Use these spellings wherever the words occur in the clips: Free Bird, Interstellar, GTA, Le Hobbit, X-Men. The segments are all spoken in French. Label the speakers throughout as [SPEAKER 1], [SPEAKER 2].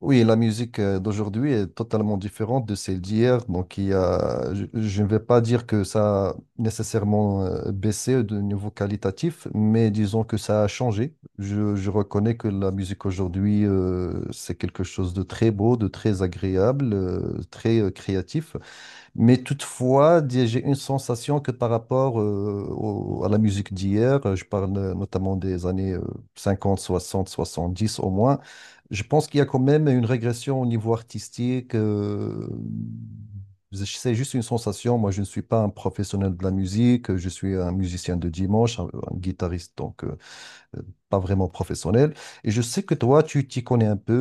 [SPEAKER 1] Oui, la musique d'aujourd'hui est totalement différente de celle d'hier. Donc, il y a, je ne vais pas dire que ça a nécessairement baissé de niveau qualitatif, mais disons que ça a changé. Je reconnais que la musique aujourd'hui, c'est quelque chose de très beau, de très agréable, très créatif. Mais toutefois, j'ai une sensation que par rapport à la musique d'hier, je parle notamment des années 50, 60, 70 au moins, je pense qu'il y a quand même une régression au niveau artistique. C'est juste une sensation. Moi, je ne suis pas un professionnel de la musique, je suis un musicien de dimanche, un guitariste donc. Euh, pas vraiment professionnel. Et je sais que toi, tu t'y connais un peu,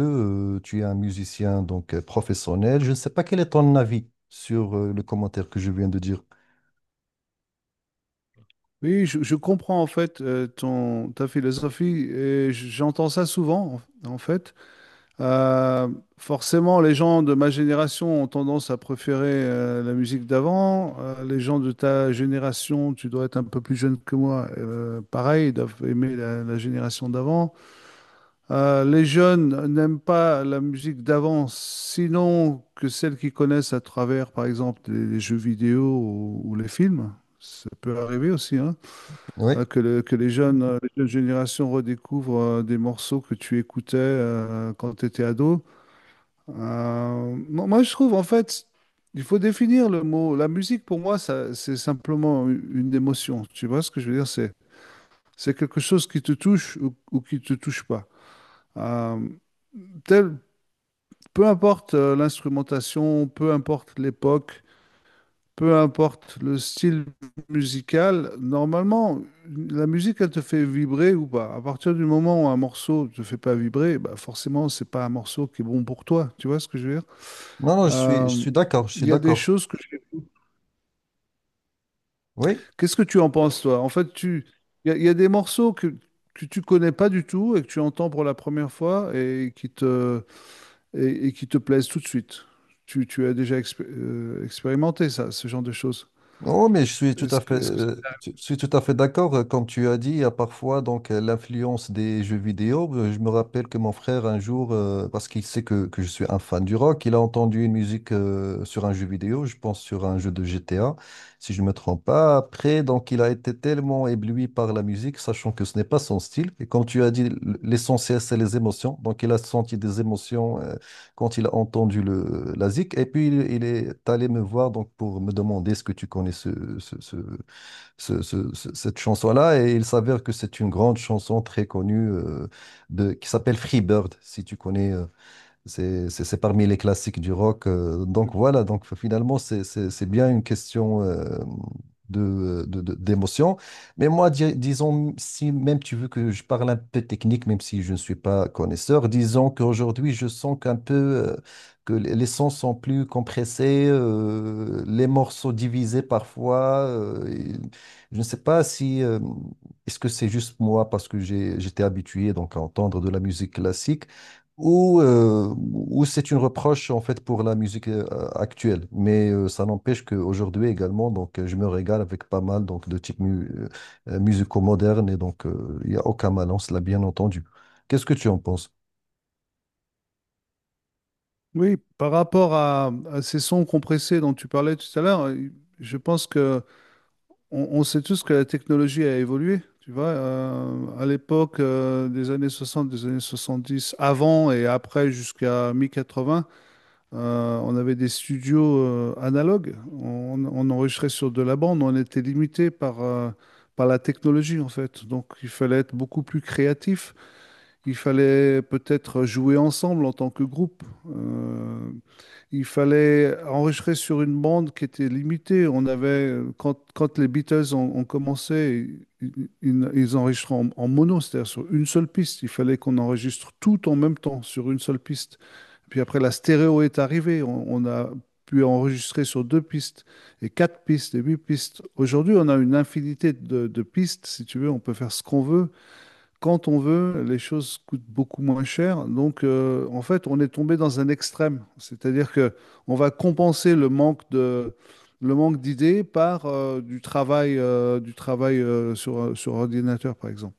[SPEAKER 1] tu es un musicien donc professionnel. Je ne sais pas quel est ton avis sur le commentaire que je viens de dire.
[SPEAKER 2] Oui, je comprends en fait, ta philosophie et j'entends ça souvent en fait. Euh, Forcément, les gens de ma génération ont tendance à préférer la musique d'avant. Les gens de ta génération, tu dois être un peu plus jeune que moi, pareil, ils doivent aimer la génération d'avant. Les jeunes n'aiment pas la musique d'avant, sinon que celle qu'ils connaissent à travers, par exemple, les jeux vidéo ou les films. Ça peut arriver aussi, hein
[SPEAKER 1] Oui.
[SPEAKER 2] hein, que, que les jeunes générations redécouvrent des morceaux que tu écoutais quand tu étais ado. Moi, je trouve, en fait, il faut définir le mot. La musique, pour moi, ça, c'est simplement une émotion. Tu vois ce que je veux dire? C'est quelque chose qui te touche ou qui ne te touche pas. Euh, tel- Peu importe l'instrumentation, peu importe l'époque. Peu importe le style musical, normalement, la musique, elle te fait vibrer ou pas. À partir du moment où un morceau te fait pas vibrer, bah forcément, c'est pas un morceau qui est bon pour toi. Tu vois ce que je veux dire?
[SPEAKER 1] Non, non, je suis,
[SPEAKER 2] Euh,
[SPEAKER 1] je suis d'accord, je
[SPEAKER 2] Il
[SPEAKER 1] suis
[SPEAKER 2] y a des
[SPEAKER 1] d'accord.
[SPEAKER 2] choses que... je-
[SPEAKER 1] Oui.
[SPEAKER 2] Qu'est-ce que tu en penses, toi? Il y a des morceaux que tu connais pas du tout et que tu entends pour la première fois et qui te plaisent tout de suite. Tu as déjà expérimenté ça, ce genre de choses.
[SPEAKER 1] Oh, mais
[SPEAKER 2] Est-ce que, est
[SPEAKER 1] je suis tout à fait d'accord. Comme tu as dit, il y a parfois donc l'influence des jeux vidéo. Je me rappelle que mon frère un jour, parce qu'il sait que je suis un fan du rock, il a entendu une musique sur un jeu vidéo, je pense sur un jeu de GTA, si je ne me trompe pas. Après, donc il a été tellement ébloui par la musique, sachant que ce n'est pas son style. Et comme tu as dit, l'essentiel c'est les émotions. Donc il a senti des émotions quand il a entendu la zik, et puis il est allé me voir donc pour me demander est-ce que tu connais ce- ce- cette chanson-là, et il s'avère que c'est une grande chanson très connue, qui s'appelle Free Bird, si tu connais. C'est parmi les classiques du rock. Donc voilà, donc finalement, c'est bien une question d'émotion. Mais moi, disons, si même tu veux que je parle un peu technique, même si je ne suis pas connaisseur, disons qu'aujourd'hui, je sens qu'un peu que les sons sont plus compressés, les morceaux divisés parfois. Et je ne sais pas si... est-ce que c'est juste moi parce que j'étais habitué donc à entendre de la musique classique? Ou, ou c'est une reproche en fait pour la musique actuelle. Mais ça n'empêche qu'aujourd'hui également, donc je me régale avec pas mal donc de types musicaux modernes et donc il n'y a aucun malin, cela bien entendu. Qu'est-ce que tu en penses?
[SPEAKER 2] Oui, par rapport à ces sons compressés dont tu parlais tout à l'heure, je pense que on sait tous que la technologie a évolué. Tu vois, à l'époque des années 60, des années 70, avant et après jusqu'à mi-80, on avait des studios analogues. On enregistrait sur de la bande. On était limité par la technologie, en fait. Donc, il fallait être beaucoup plus créatif. Il fallait peut-être jouer ensemble en tant que groupe. Euh, il fallait enregistrer sur une bande qui était limitée. On avait, quand les Beatles ont commencé, ils enregistraient en mono, c'est-à-dire sur une seule piste. Il fallait qu'on enregistre tout en même temps sur une seule piste. Puis après, la stéréo est arrivée. On a pu enregistrer sur deux pistes et quatre pistes et huit pistes. Aujourd'hui, on a une infinité de pistes, si tu veux. On peut faire ce qu'on veut quand on veut, les choses coûtent beaucoup moins cher. Donc, en fait, on est tombé dans un extrême. C'est-à-dire que on va compenser le manque d'idées par du travail sur ordinateur, par exemple.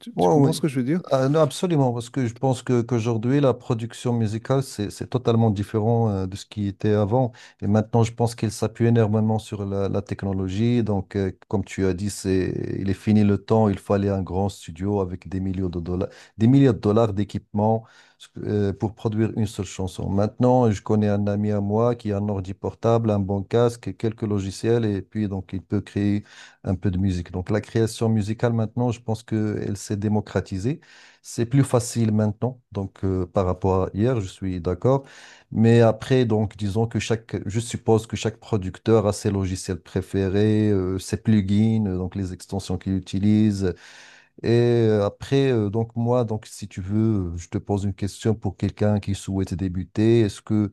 [SPEAKER 2] Tu
[SPEAKER 1] Oui,
[SPEAKER 2] comprends ce
[SPEAKER 1] oui.
[SPEAKER 2] que je veux dire?
[SPEAKER 1] Ah, non, absolument, parce que je pense que qu'aujourd'hui, la production musicale, c'est totalement différent de ce qui était avant. Et maintenant, je pense qu'il s'appuie énormément sur la technologie. Donc, comme tu as dit, il est fini le temps, il fallait un grand studio avec des millions de dollars, des milliards de dollars d'équipement pour produire une seule chanson. Maintenant, je connais un ami à moi qui a un ordi portable, un bon casque, quelques logiciels, et puis donc, il peut créer un peu de musique. Donc la création musicale maintenant, je pense qu'elle s'est démocratisée. C'est plus facile maintenant, donc par rapport à hier, je suis d'accord. Mais après, donc disons que je suppose que chaque producteur a ses logiciels préférés, ses plugins, donc les extensions qu'il utilise, et après, donc moi, donc si tu veux, je te pose une question pour quelqu'un qui souhaite débuter. Est-ce que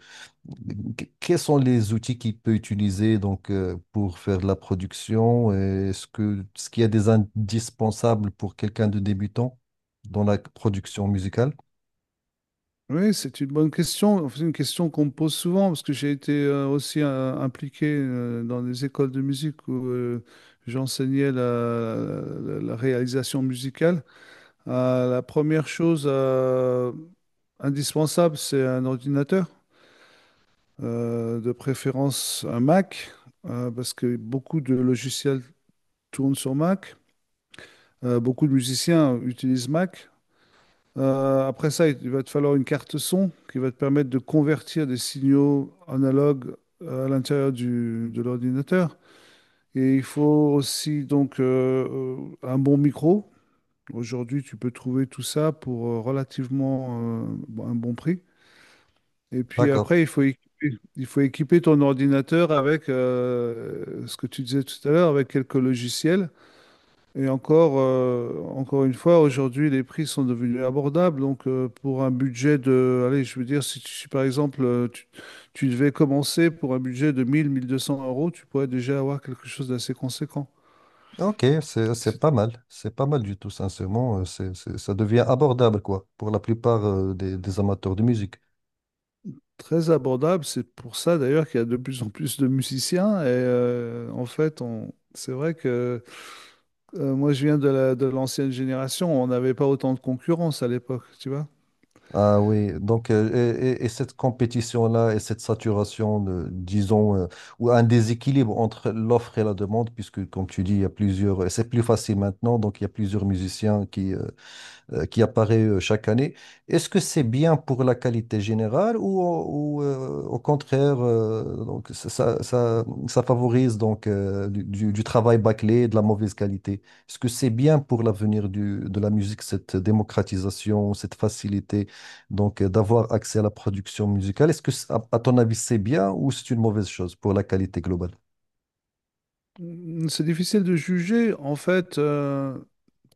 [SPEAKER 1] quels sont les outils qu'il peut utiliser donc pour faire de la production? Et est-ce qu'il y a des indispensables pour quelqu'un de débutant dans la production musicale?
[SPEAKER 2] Oui, c'est une bonne question. C'est une question qu'on me pose souvent parce que j'ai été aussi impliqué dans des écoles de musique où j'enseignais la réalisation musicale. La première chose indispensable, c'est un ordinateur, de préférence un Mac, parce que beaucoup de logiciels tournent sur Mac. Beaucoup de musiciens utilisent Mac. Après ça, il va te falloir une carte son qui va te permettre de convertir des signaux analogues à l'intérieur de l'ordinateur. Et il faut aussi donc un bon micro. Aujourd'hui, tu peux trouver tout ça pour relativement un bon prix. Et puis
[SPEAKER 1] D'accord.
[SPEAKER 2] après, il faut équiper ton ordinateur avec ce que tu disais tout à l'heure, avec quelques logiciels. Et encore, encore une fois, aujourd'hui, les prix sont devenus abordables. Donc, pour un budget de, allez, je veux dire, si par exemple, tu devais commencer pour un budget de 1 200 euros, tu pourrais déjà avoir quelque chose d'assez conséquent.
[SPEAKER 1] Ok, c'est
[SPEAKER 2] C'est
[SPEAKER 1] pas mal. C'est pas mal du tout, sincèrement. Ça devient abordable quoi pour la plupart des amateurs de musique.
[SPEAKER 2] très abordable. C'est pour ça, d'ailleurs, qu'il y a de plus en plus de musiciens. Et en fait, c'est vrai que. Moi, je viens de l'ancienne génération. On n'avait pas autant de concurrence à l'époque, tu vois.
[SPEAKER 1] Ah oui, donc et cette compétition-là et cette saturation, de, disons, ou un déséquilibre entre l'offre et la demande, puisque comme tu dis, il y a plusieurs, c'est plus facile maintenant, donc il y a plusieurs musiciens qui apparaît chaque année. Est-ce que c'est bien pour la qualité générale ou, au contraire, donc, ça favorise donc, du travail bâclé et de la mauvaise qualité? Est-ce que c'est bien pour l'avenir de la musique, cette démocratisation, cette facilité donc d'avoir accès à la production musicale? Est-ce que, à ton avis, c'est bien ou c'est une mauvaise chose pour la qualité globale?
[SPEAKER 2] C'est difficile de juger. En fait,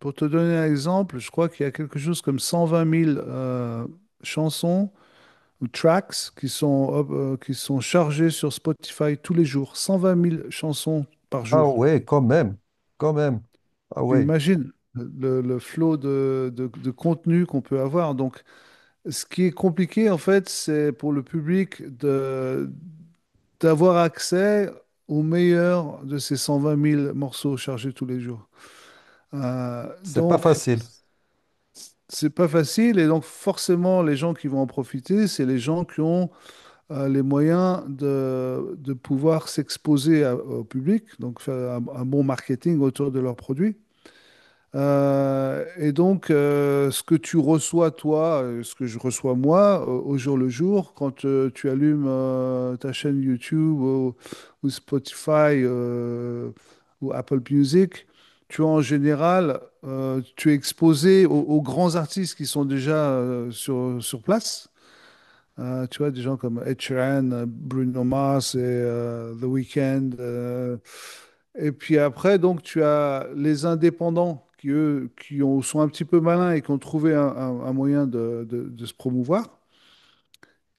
[SPEAKER 2] pour te donner un exemple, je crois qu'il y a quelque chose comme 120 000 chansons ou tracks qui sont chargées sur Spotify tous les jours. 120 000 chansons par
[SPEAKER 1] Ah
[SPEAKER 2] jour.
[SPEAKER 1] ouais, quand même, quand même. Ah
[SPEAKER 2] Tu
[SPEAKER 1] ouais,
[SPEAKER 2] imagines le flot de contenu qu'on peut avoir. Donc, ce qui est compliqué, en fait, c'est pour le public d'avoir accès au meilleur de ces 120 000 morceaux chargés tous les jours.
[SPEAKER 1] c'est pas
[SPEAKER 2] Donc,
[SPEAKER 1] facile.
[SPEAKER 2] c'est pas facile et donc forcément les gens qui vont en profiter, c'est les gens qui ont les moyens de pouvoir s'exposer au public, donc faire un bon marketing autour de leurs produits. Et donc, ce que tu reçois, toi, ce que je reçois moi, au jour le jour, quand tu allumes ta chaîne YouTube ou Spotify ou Apple Music, tu as en général, tu es exposé aux grands artistes qui sont déjà sur place. Tu vois, des gens comme Ed Sheeran, Bruno Mars et The Weeknd. Et puis après, donc, tu as les indépendants qui, eux, sont un petit peu malins et qui ont trouvé un moyen de se promouvoir.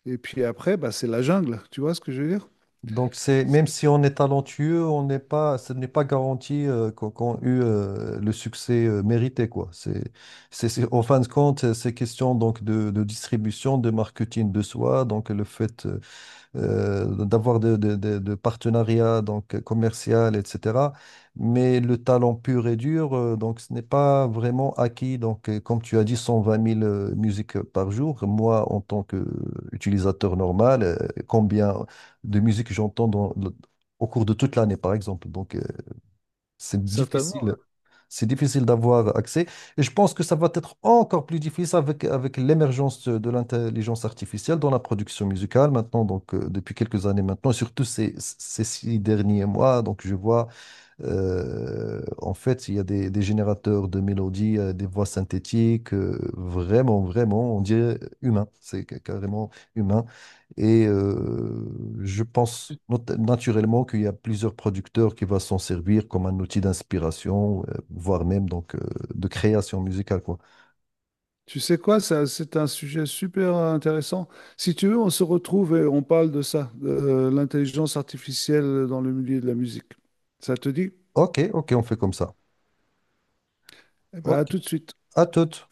[SPEAKER 2] Et puis après, bah, c'est la jungle, tu vois ce que je veux dire?
[SPEAKER 1] Donc c'est même si on est talentueux, on n'est pas, ce n'est pas garanti qu'on eut le succès mérité quoi. En fin de compte, c'est question donc de distribution, de marketing de soi. Donc le fait, d'avoir de partenariats donc commercial, etc. Mais le talent pur et dur, donc ce n'est pas vraiment acquis. Donc, comme tu as dit, 120 000 musiques par jour. Moi, en tant qu'utilisateur normal, combien de musiques j'entends au cours de toute l'année, par exemple. Donc, c'est
[SPEAKER 2] Certainement.
[SPEAKER 1] difficile. C'est difficile d'avoir accès. Et je pense que ça va être encore plus difficile avec l'émergence de l'intelligence artificielle dans la production musicale maintenant, donc depuis quelques années maintenant, et surtout ces 6 derniers mois. Donc je vois en fait, il y a des générateurs de mélodies, des voix synthétiques, vraiment, vraiment, on dirait humain, carrément humain. Et je pense naturellement qu'il y a plusieurs producteurs qui vont s'en servir comme un outil d'inspiration, voire même donc de création musicale, quoi.
[SPEAKER 2] Tu sais quoi, ça, c'est un sujet super intéressant. Si tu veux, on se retrouve et on parle de ça, de l'intelligence artificielle dans le milieu de la musique. Ça te dit?
[SPEAKER 1] Ok, ok, on fait comme ça.
[SPEAKER 2] Eh ben, à
[SPEAKER 1] Ok,
[SPEAKER 2] tout de suite.
[SPEAKER 1] à toutes.